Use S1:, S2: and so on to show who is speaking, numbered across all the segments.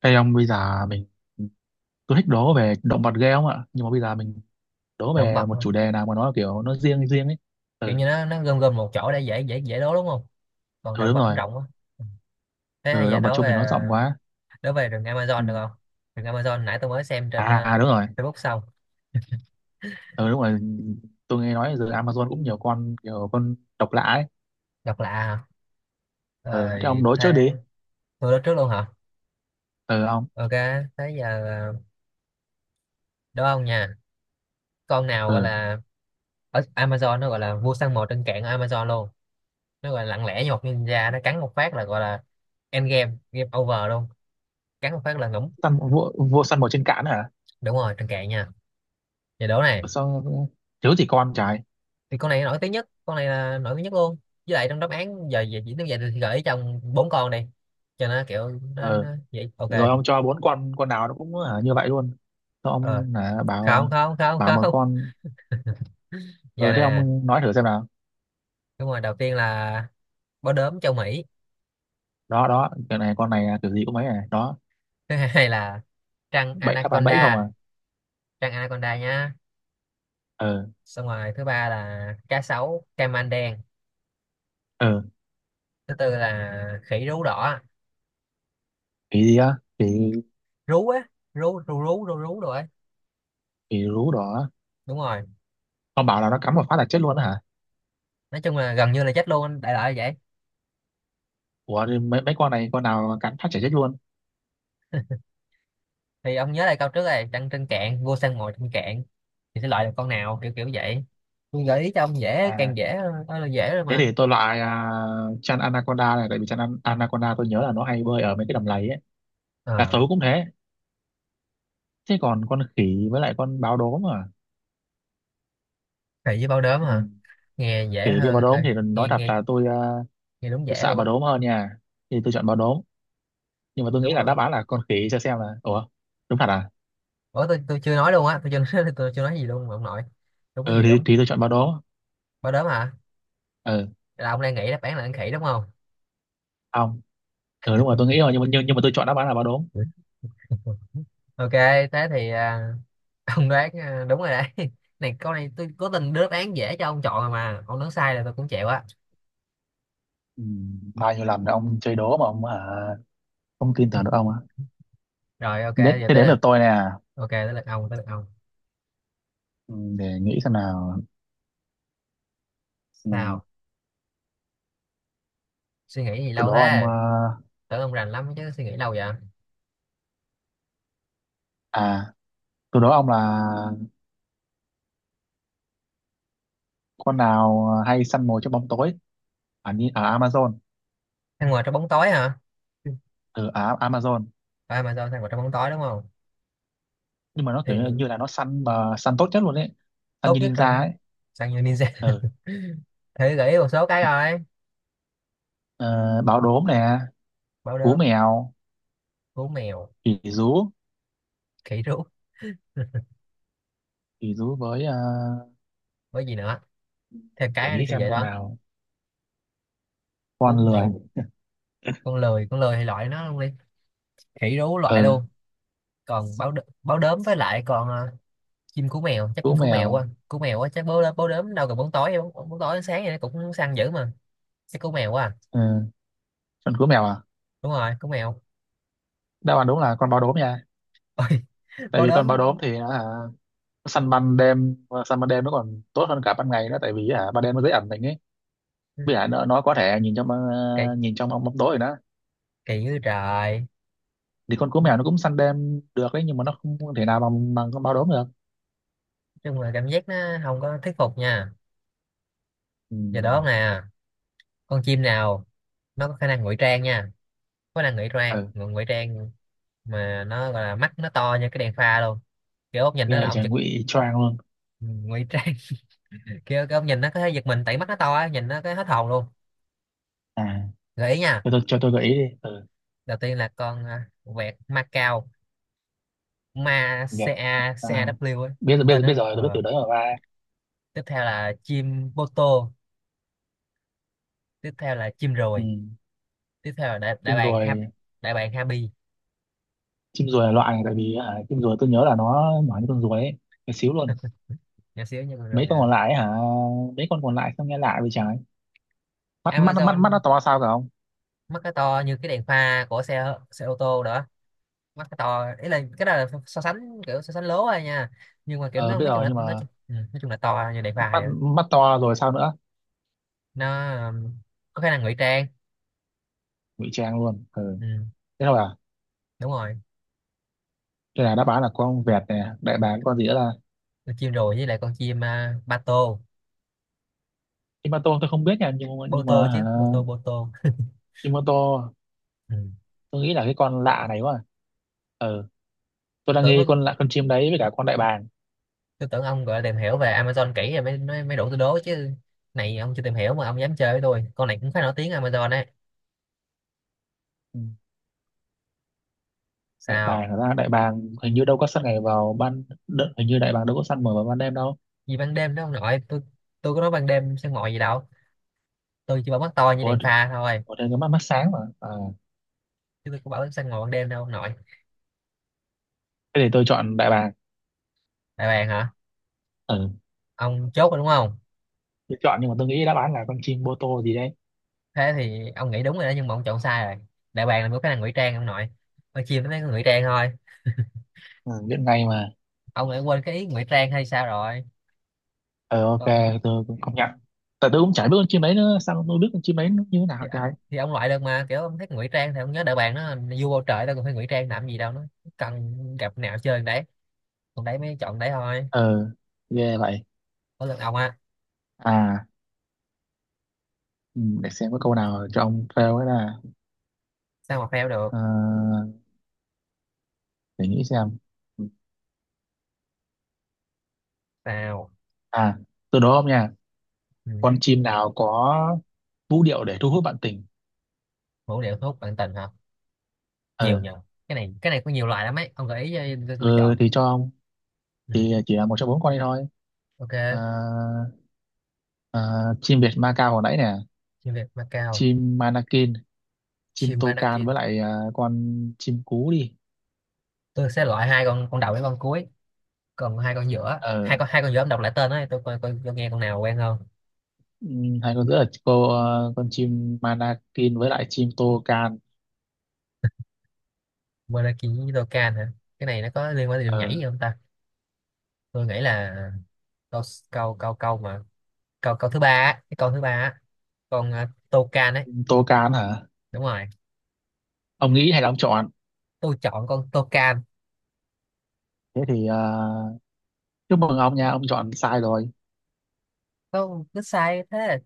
S1: Ê ông, bây giờ mình, tôi thích đố về động vật ghê không ạ? Nhưng mà bây giờ mình đố
S2: Động
S1: về
S2: vật
S1: một
S2: thôi.
S1: chủ đề nào mà nó kiểu nó riêng riêng ấy.
S2: Kiểu như
S1: Ừ.
S2: nó gom gom một chỗ để dễ dễ dễ đố đúng không? Còn
S1: Ừ
S2: động
S1: đúng
S2: vật nó
S1: rồi.
S2: rộng quá. Ừ. Thế hay
S1: Ừ,
S2: giờ
S1: động vật
S2: đố
S1: chung thì nó
S2: về,
S1: rộng quá.
S2: đố về rừng
S1: Ừ.
S2: Amazon được không? Rừng Amazon nãy tôi mới xem trên
S1: Đúng rồi.
S2: Facebook xong.
S1: Ừ đúng rồi, tôi nghe nói giờ Amazon cũng nhiều con kiểu con độc lạ ấy.
S2: Độc lạ hả?
S1: Ừ, thế ông
S2: Rồi
S1: đố trước
S2: thế.
S1: đi.
S2: Tôi đố trước luôn hả?
S1: Ừ, ông.
S2: Ok, thế giờ đố ông nha. Con nào
S1: Ừ,
S2: gọi là, ở Amazon nó gọi là vua săn mồi trên cạn ở Amazon luôn, nó gọi là lặng lẽ như một ninja, nó cắn một phát là gọi là end game, game over luôn. Cắn một phát là ngủm.
S1: săn vua, vua săn mồi trên cạn hả?
S2: Đúng rồi, trên cạn nha. Giờ đố này.
S1: Ừ, sao? Thiếu gì con trái.
S2: Thì con này nổi tiếng nhất, con này là nổi tiếng nhất luôn. Với lại trong đáp án giờ về chỉ tiêu vậy thì gợi ý trong bốn con này cho nó kiểu nó
S1: Ừ
S2: vậy, ok.
S1: rồi, ông cho bốn con nào nó cũng hả, như vậy luôn? Sao
S2: Ờ,
S1: ông hả, bảo?
S2: không không không
S1: Bảo một
S2: không.
S1: con.
S2: Giờ
S1: Ừ, thế
S2: nè,
S1: ông nói thử xem.
S2: đúng rồi, đầu tiên là bó đốm châu Mỹ.
S1: Đó đó, cái này con này kiểu gì cũng mấy này đó.
S2: Thứ hai là trăng
S1: Bẫy, đáp án bẫy không
S2: anaconda.
S1: à?
S2: Trăng anaconda nhá.
S1: Ờ.
S2: Xong rồi thứ ba là cá sấu caiman đen.
S1: Ờ.
S2: Thứ tư là khỉ rú đỏ.
S1: Kỳ gì á? Kỳ?
S2: Rú á. Rú rú rú rú rú rồi.
S1: Kỳ rú đỏ á.
S2: Đúng rồi.
S1: Con bảo là nó cắn một phát là chết luôn á hả?
S2: Nói chung là gần như là chết luôn, đại loại là vậy.
S1: Ủa thì mấy mấy con này con nào cắn phát chả chết luôn.
S2: Thì ông nhớ lại câu trước này, trăng trên cạn, vua săn mồi trên cạn, thì sẽ loại được con nào kiểu kiểu vậy. Tôi gợi ý cho ông dễ càng
S1: à
S2: dễ. Đó là dễ rồi
S1: Thế thì
S2: mà.
S1: tôi loại chăn anaconda này, tại vì anaconda tôi nhớ là nó hay bơi ở mấy cái đầm lầy ấy. Cá
S2: Ờ,
S1: sấu cũng thế. Thế còn con khỉ với lại con báo đốm à?
S2: thầy với bao đốm
S1: Ừ.
S2: hả? Nghe dễ
S1: Khỉ với
S2: hơn.
S1: báo đốm
S2: Ê,
S1: thì nói
S2: nghe
S1: thật
S2: nghe,
S1: là
S2: nghe đúng
S1: tôi
S2: dễ
S1: sợ
S2: luôn á.
S1: báo đốm hơn nha. Thì tôi chọn báo đốm, nhưng mà tôi nghĩ
S2: Đúng
S1: là
S2: rồi.
S1: đáp án là con khỉ cho xem là ủa. Đúng thật à?
S2: Ủa tôi chưa nói luôn á, tôi chưa nói, tôi chưa nói gì luôn mà ông nội. Đúng cái
S1: ờ
S2: gì
S1: thì,
S2: đúng.
S1: thì tôi chọn báo đốm.
S2: Bao đốm hả?
S1: Ừ
S2: Là ông đang nghĩ đáp án là ăn khỉ đúng không?
S1: không. Ừ đúng rồi, tôi nghĩ rồi, nhưng mà tôi chọn đáp án là báo đốm.
S2: Ừ. Ok, thế thì ông đoán đúng rồi đấy. Này câu này tôi cố tình đưa đáp án dễ cho ông chọn rồi mà ông đoán sai là tôi cũng chịu á.
S1: Ừ, bao nhiêu lần ông chơi đố mà không tin tưởng được ông á.
S2: Rồi ok,
S1: Đến
S2: giờ
S1: thế,
S2: tới
S1: đến lượt
S2: lượt.
S1: tôi nè.
S2: Ok, tới lượt ông, tới lượt ông.
S1: Ừ, để nghĩ xem nào. Ừ,
S2: Sao? Suy nghĩ gì
S1: từ
S2: lâu
S1: đó ông à.
S2: thế? Tưởng ông rành lắm chứ, suy nghĩ lâu vậy.
S1: à, Từ đó ông là con nào hay săn mồi trong bóng tối ở ở Amazon?
S2: Ăn ngoài trong bóng tối hả?
S1: Ở ở Amazon.
S2: À mà sao ăn ngoài trong bóng tối đúng không?
S1: Nhưng mà nó kiểu
S2: Thì
S1: như như là nó săn mà săn tốt nhất luôn ấy. Săn
S2: tốt
S1: như
S2: nhất
S1: ninja
S2: trong,
S1: ấy.
S2: sang như ninja.
S1: Ừ.
S2: Thử gửi một số cái rồi.
S1: Ờ, báo đốm nè.
S2: Báo
S1: Cú
S2: đốm.
S1: mèo.
S2: Cú mèo.
S1: Khỉ rú.
S2: Khỉ rú.
S1: Khỉ rú với
S2: Với gì nữa? Thêm
S1: để
S2: cái đi
S1: nghĩ
S2: cho
S1: xem
S2: dễ
S1: con
S2: đó.
S1: nào.
S2: Cú
S1: Con lười.
S2: mèo. Con lười, con lười thì loại nó luôn đi. Khỉ rú loại
S1: Ừ,
S2: luôn. Còn báo đ... báo đốm với lại còn chim cú mèo, chắc
S1: cú
S2: chim cú
S1: mèo.
S2: mèo quá, cú mèo quá, chắc báo đốm đâu cần bóng tối, bóng tối sáng vậy nó cũng săn dữ mà. Chắc cú mèo quá à.
S1: Ừ. Con cú mèo à?
S2: Đúng rồi, cú mèo.
S1: Đáp án đúng là con báo đốm nha.
S2: Ôi,
S1: Tại
S2: báo
S1: vì con báo
S2: đốm.
S1: đốm thì nó săn ban đêm. Săn ban đêm nó còn tốt hơn cả ban ngày đó, tại vì ban đêm nó dễ ẩn mình ấy. Vì nó có thể nhìn trong
S2: Kỳ,
S1: nhìn trong bóng bóng tối rồi đó.
S2: kỳ dữ trời.
S1: Thì con cú
S2: Nói
S1: mèo nó cũng săn đêm được đấy, nhưng mà nó không thể nào bằng bằng con báo đốm được.
S2: chung là cảm giác nó không có thuyết phục nha.
S1: Ừ.
S2: Giờ đó nè, con chim nào nó có khả năng ngụy trang nha, có khả năng ngụy trang,
S1: Ừ.
S2: ngụy trang, mà nó gọi là mắt nó to như cái đèn pha luôn, kiểu ông nhìn nó
S1: Nghe
S2: là
S1: vậy
S2: ông
S1: trời,
S2: giật.
S1: ngụy choang luôn.
S2: Ừ, ngụy trang. Kiểu cái ông nhìn nó có thể giật mình tại mắt nó to á, nhìn nó cái hết hồn luôn.
S1: À,
S2: Gợi ý nha.
S1: cho tôi, cho tôi gợi ý đi. Ừ.
S2: Đầu tiên là con vẹt Macau, ma
S1: Việt
S2: ca
S1: Nam.
S2: caw ấy.
S1: Biết rồi,
S2: Tên
S1: biết biết
S2: đó.
S1: rồi, tôi biết từ
S2: Ờ.
S1: đấy mà ba.
S2: Tiếp theo là chim bô tô. Tiếp theo là chim
S1: Ừ.
S2: ruồi. Tiếp theo là đại
S1: Chim
S2: bàng hap,
S1: ruồi.
S2: đại bàng Happy.
S1: Chim ruồi là loại này tại vì hả, chim ruồi tôi nhớ là nó nhỏ như con ruồi ấy. Cái xíu luôn.
S2: Nhỏ xíu nhưng mà
S1: Mấy
S2: rồi
S1: con
S2: hả?
S1: còn lại ấy, hả? Mấy con còn lại sao nghe lạ vậy trái? Mắt mắt mắt mắt nó
S2: Amazon.
S1: to sao cả không?
S2: Mắt cái to như cái đèn pha của xe xe ô tô đó. Mắt cái to ý là cái đó là so sánh, kiểu so sánh lố thôi nha, nhưng mà kiểu
S1: Ờ
S2: nó
S1: biết
S2: nói chung
S1: rồi,
S2: là
S1: nhưng mà
S2: nó nói chung ừ, nói chung là to như đèn pha
S1: mắt,
S2: vậy.
S1: mắt to rồi sao nữa?
S2: Nó um, có khả năng ngụy trang.
S1: Ngụy trang luôn. Ừ.
S2: Ừ.
S1: Thế thôi à?
S2: Đúng rồi.
S1: Thế là đáp án là con vẹt nè, đại bàng, con gì nữa là
S2: Con chim rồi với lại con chim ba tô.
S1: chim ba tô. Tôi không biết nha, nhưng mà
S2: Bô
S1: nhưng
S2: tô
S1: mà hả?
S2: chứ, bô tô, bô tô.
S1: Chim ba tô.
S2: Ừ.
S1: Tôi nghĩ là cái con lạ này quá. Ừ, tôi đang
S2: Tưởng nó-
S1: nghi con lạ, con chim đấy với cả con đại bàng.
S2: tôi tưởng ông gọi là tìm hiểu về Amazon kỹ rồi mới mới, mới đủ tôi đố chứ. Này ông chưa tìm hiểu mà ông dám chơi với tôi, con này cũng khá nổi tiếng Amazon.
S1: Ừ. Đại
S2: Sao?
S1: bàng, thật ra đại bàng hình như đâu có săn ngày vào hình như đại bàng đâu có săn mở vào ban đêm đâu.
S2: Gì ban đêm đó ông nội tôi có nói ban đêm săn mồi gì đâu, tôi chỉ bảo mắt to như
S1: Ủa,
S2: đèn pha thôi.
S1: ở đây có mắt, mắt sáng mà
S2: Chứ tôi có bảo săn mồi ban đêm đâu ông nội.
S1: thế thì tôi chọn đại bàng.
S2: Đại bàng hả?
S1: Ừ.
S2: Ông chốt rồi đúng không?
S1: Tôi chọn nhưng mà tôi nghĩ đáp án là con chim bô tô gì đấy.
S2: Thế thì ông nghĩ đúng rồi đó, nhưng mà ông chọn sai rồi. Đại bàng là một cái năng ngụy trang ông nội, con chim nó mới có ngụy trang thôi.
S1: Ừ, biết ngay mà.
S2: Ông lại quên cái ý ngụy trang hay sao rồi?
S1: Ừ, ok,
S2: Còn,
S1: tôi cũng công nhận. Tại tôi cũng chả biết con chim đấy nữa, sao tôi biết con chim đấy nó như thế
S2: thì,
S1: nào trời.
S2: thì ông loại được mà, kiểu ông thích ngụy trang thì ông nhớ đại bàng nó là vua bầu trời, đâu còn phải ngụy trang làm gì đâu, nó cần gặp nào chơi đấy, còn đấy mới chọn đấy thôi.
S1: Ờ, ghê vậy.
S2: Có lần ông á.
S1: À, ừ, để xem có câu nào cho ông fail ấy là.
S2: Sao mà fail được?
S1: Ờ, để nghĩ xem.
S2: Sao?
S1: À, tôi đố ông nha.
S2: Ừ.
S1: Con chim nào có vũ điệu để thu hút bạn tình?
S2: Vũ điệu thu hút bạn tình hả? Nhiều
S1: Ờ.
S2: nhờ. Cái này, cái này có nhiều loại lắm ấy, ông gợi ý cho tôi
S1: Ừ
S2: chọn.
S1: thì cho ông,
S2: Ừ.
S1: thì chỉ là một trong bốn con đi thôi.
S2: Ok.
S1: Ờ. Ờ, chim Việt Ma Cao hồi nãy nè,
S2: Chim Việt Macao.
S1: chim manakin, chim
S2: Chim
S1: tô can
S2: Manakin.
S1: với lại con chim cú đi.
S2: Tôi sẽ loại hai con đầu với con cuối. Còn hai con giữa,
S1: Ờ.
S2: hai con giữa ông đọc lại tên ấy tôi coi coi, tôi nghe con nào quen không.
S1: Hay con giữa là con chim manakin với lại chim tô can.
S2: Manakin với Dokkan hả? Cái này nó có liên quan đến điệu nhảy
S1: Ờ,
S2: gì không ta? Tôi nghĩ là câu câu câu câu mà câu câu thứ ba á, cái câu thứ ba á, con Dokkan ấy.
S1: chim tô can hả?
S2: Đúng rồi.
S1: Ông nghĩ hay là ông chọn?
S2: Tôi chọn con Dokkan.
S1: Thế thì chúc mừng ông nha, ông chọn sai rồi.
S2: Tôi cứ sai thế.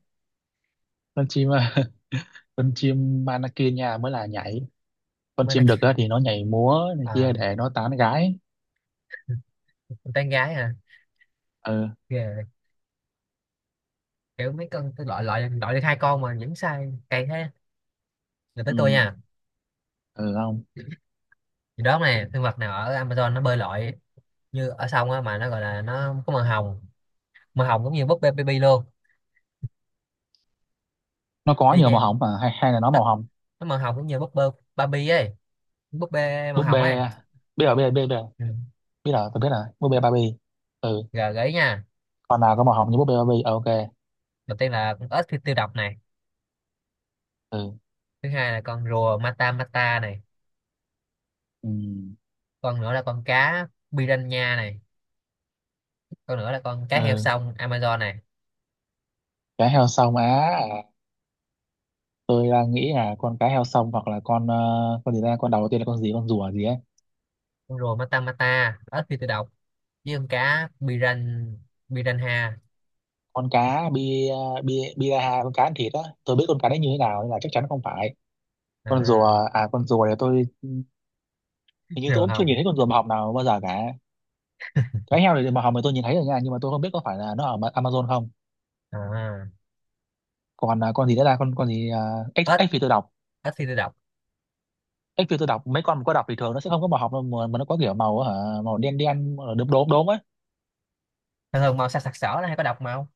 S1: Con chim con chim manakin nha mới là nhảy. Con chim đực
S2: Manakin.
S1: á thì nó nhảy múa này kia
S2: À,
S1: để nó tán gái.
S2: con tán gái hả?
S1: Ờ.
S2: Ghê. Kiểu mấy con tôi loại loại loại được hai con mà vẫn sai cay thế. Là tới
S1: Ừ.
S2: tôi nha.
S1: Ừ không.
S2: Thì đó này, sinh vật nào ở Amazon nó bơi lội như ở sông á mà nó gọi là nó có màu hồng, màu hồng cũng như búp bê baby luôn.
S1: Nó có
S2: Y
S1: nhiều màu
S2: chang.
S1: hồng mà, hay hay là nó
S2: nó
S1: màu hồng?
S2: nó màu hồng cũng như búp bê Barbie ấy, búp bê màu
S1: Búp
S2: hồng ấy.
S1: bê. Biết rồi biết rồi.
S2: Ừ.
S1: Biết rồi, tôi biết rồi, búp bê Barbie. Ừ.
S2: Rồi gợi ý nha.
S1: Con nào có màu hồng như búp bê Barbie? Ờ, ok.
S2: Đầu tiên là con ếch tiêu tiêu độc này.
S1: Ừ.
S2: Thứ hai là con rùa mata mata này.
S1: Ừ.
S2: Con nữa là con cá piranha này. Con nữa là con cá heo
S1: Ừ,
S2: sông Amazon này.
S1: cá heo sông á. À, tôi đang nghĩ là con cá heo sông hoặc là con gì ra, con đầu tiên là con gì, con rùa gì ấy.
S2: Con rùa mata mata, ếch phi tự độc, với con cá piran, piranha.
S1: Con cá bi, bi biraha, con cá ăn thịt á, tôi biết con cá đấy như thế nào nên là chắc chắn không phải. Con rùa,
S2: À,
S1: à con rùa thì tôi hình như tôi
S2: rùa
S1: cũng chưa nhìn
S2: hồng.
S1: thấy con rùa màu hồng nào bao giờ cả. Cá heo thì màu hồng thì tôi nhìn thấy rồi nha, nhưng mà tôi không biết có phải là nó ở Amazon không.
S2: À,
S1: Còn con gì nữa là con gì, ếch,
S2: ếch
S1: ếch phi tự độc.
S2: ếch phi tự độc.
S1: Cái kiểu tôi đọc mấy con có đọc thì thường nó sẽ không có màu học đâu, mà nó có kiểu màu hả, màu đen đen ờ, đốm đốm đốm á.
S2: Thường thường màu sặc sặc sỡ là hay có độc, màu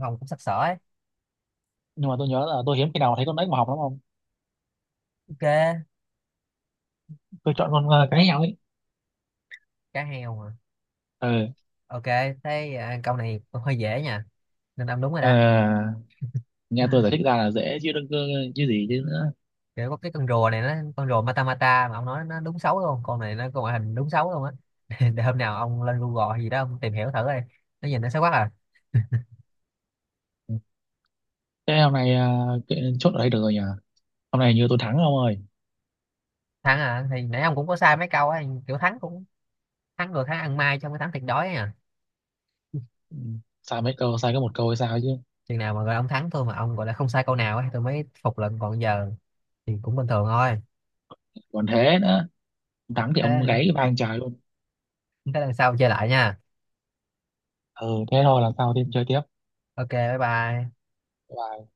S2: hồng cũng sặc sỡ ấy.
S1: Nhưng mà tôi nhớ là tôi hiếm khi nào thấy con ếch màu học lắm không.
S2: Ok.
S1: Tôi chọn cái nhau ấy.
S2: Cá heo mà.
S1: Ừ.
S2: Ok, thế câu này cũng hơi dễ nha, nên ông đúng rồi đó.
S1: Ờ, nghe tôi giải thích ra là dễ chứ đừng cơ- chứ gì chứ nữa.
S2: Kiểu có cái con rùa này, nó con rùa mata mata mà ông nói, nó đúng xấu luôn, con này nó có ngoại hình đúng xấu luôn á. Để hôm nào ông lên Google hay gì đó ông tìm hiểu thử đi, nó nhìn nó xấu quá à.
S1: Thế hôm nay chốt ở đây được rồi nhỉ. Hôm nay như tôi thắng ông ơi.
S2: Thắng à? Thì nãy ông cũng có sai mấy câu á, kiểu thắng cũng, thắng rồi, thắng ăn mai trong cái thắng thiệt đói ấy à.
S1: Ừ, sai mấy câu, sai có một câu hay sao chứ.
S2: Chừng nào mà gọi là ông thắng thôi mà ông gọi là không sai câu nào ấy tôi mới phục lận, còn giờ thì cũng bình thường thôi.
S1: Còn thế nữa, thắng thì ông
S2: Thế,
S1: gáy vang trời luôn.
S2: thế lần sau chơi lại nha.
S1: Ừ thế thôi, lần sau thêm chơi tiếp.
S2: Ok, bye bye.
S1: Bye.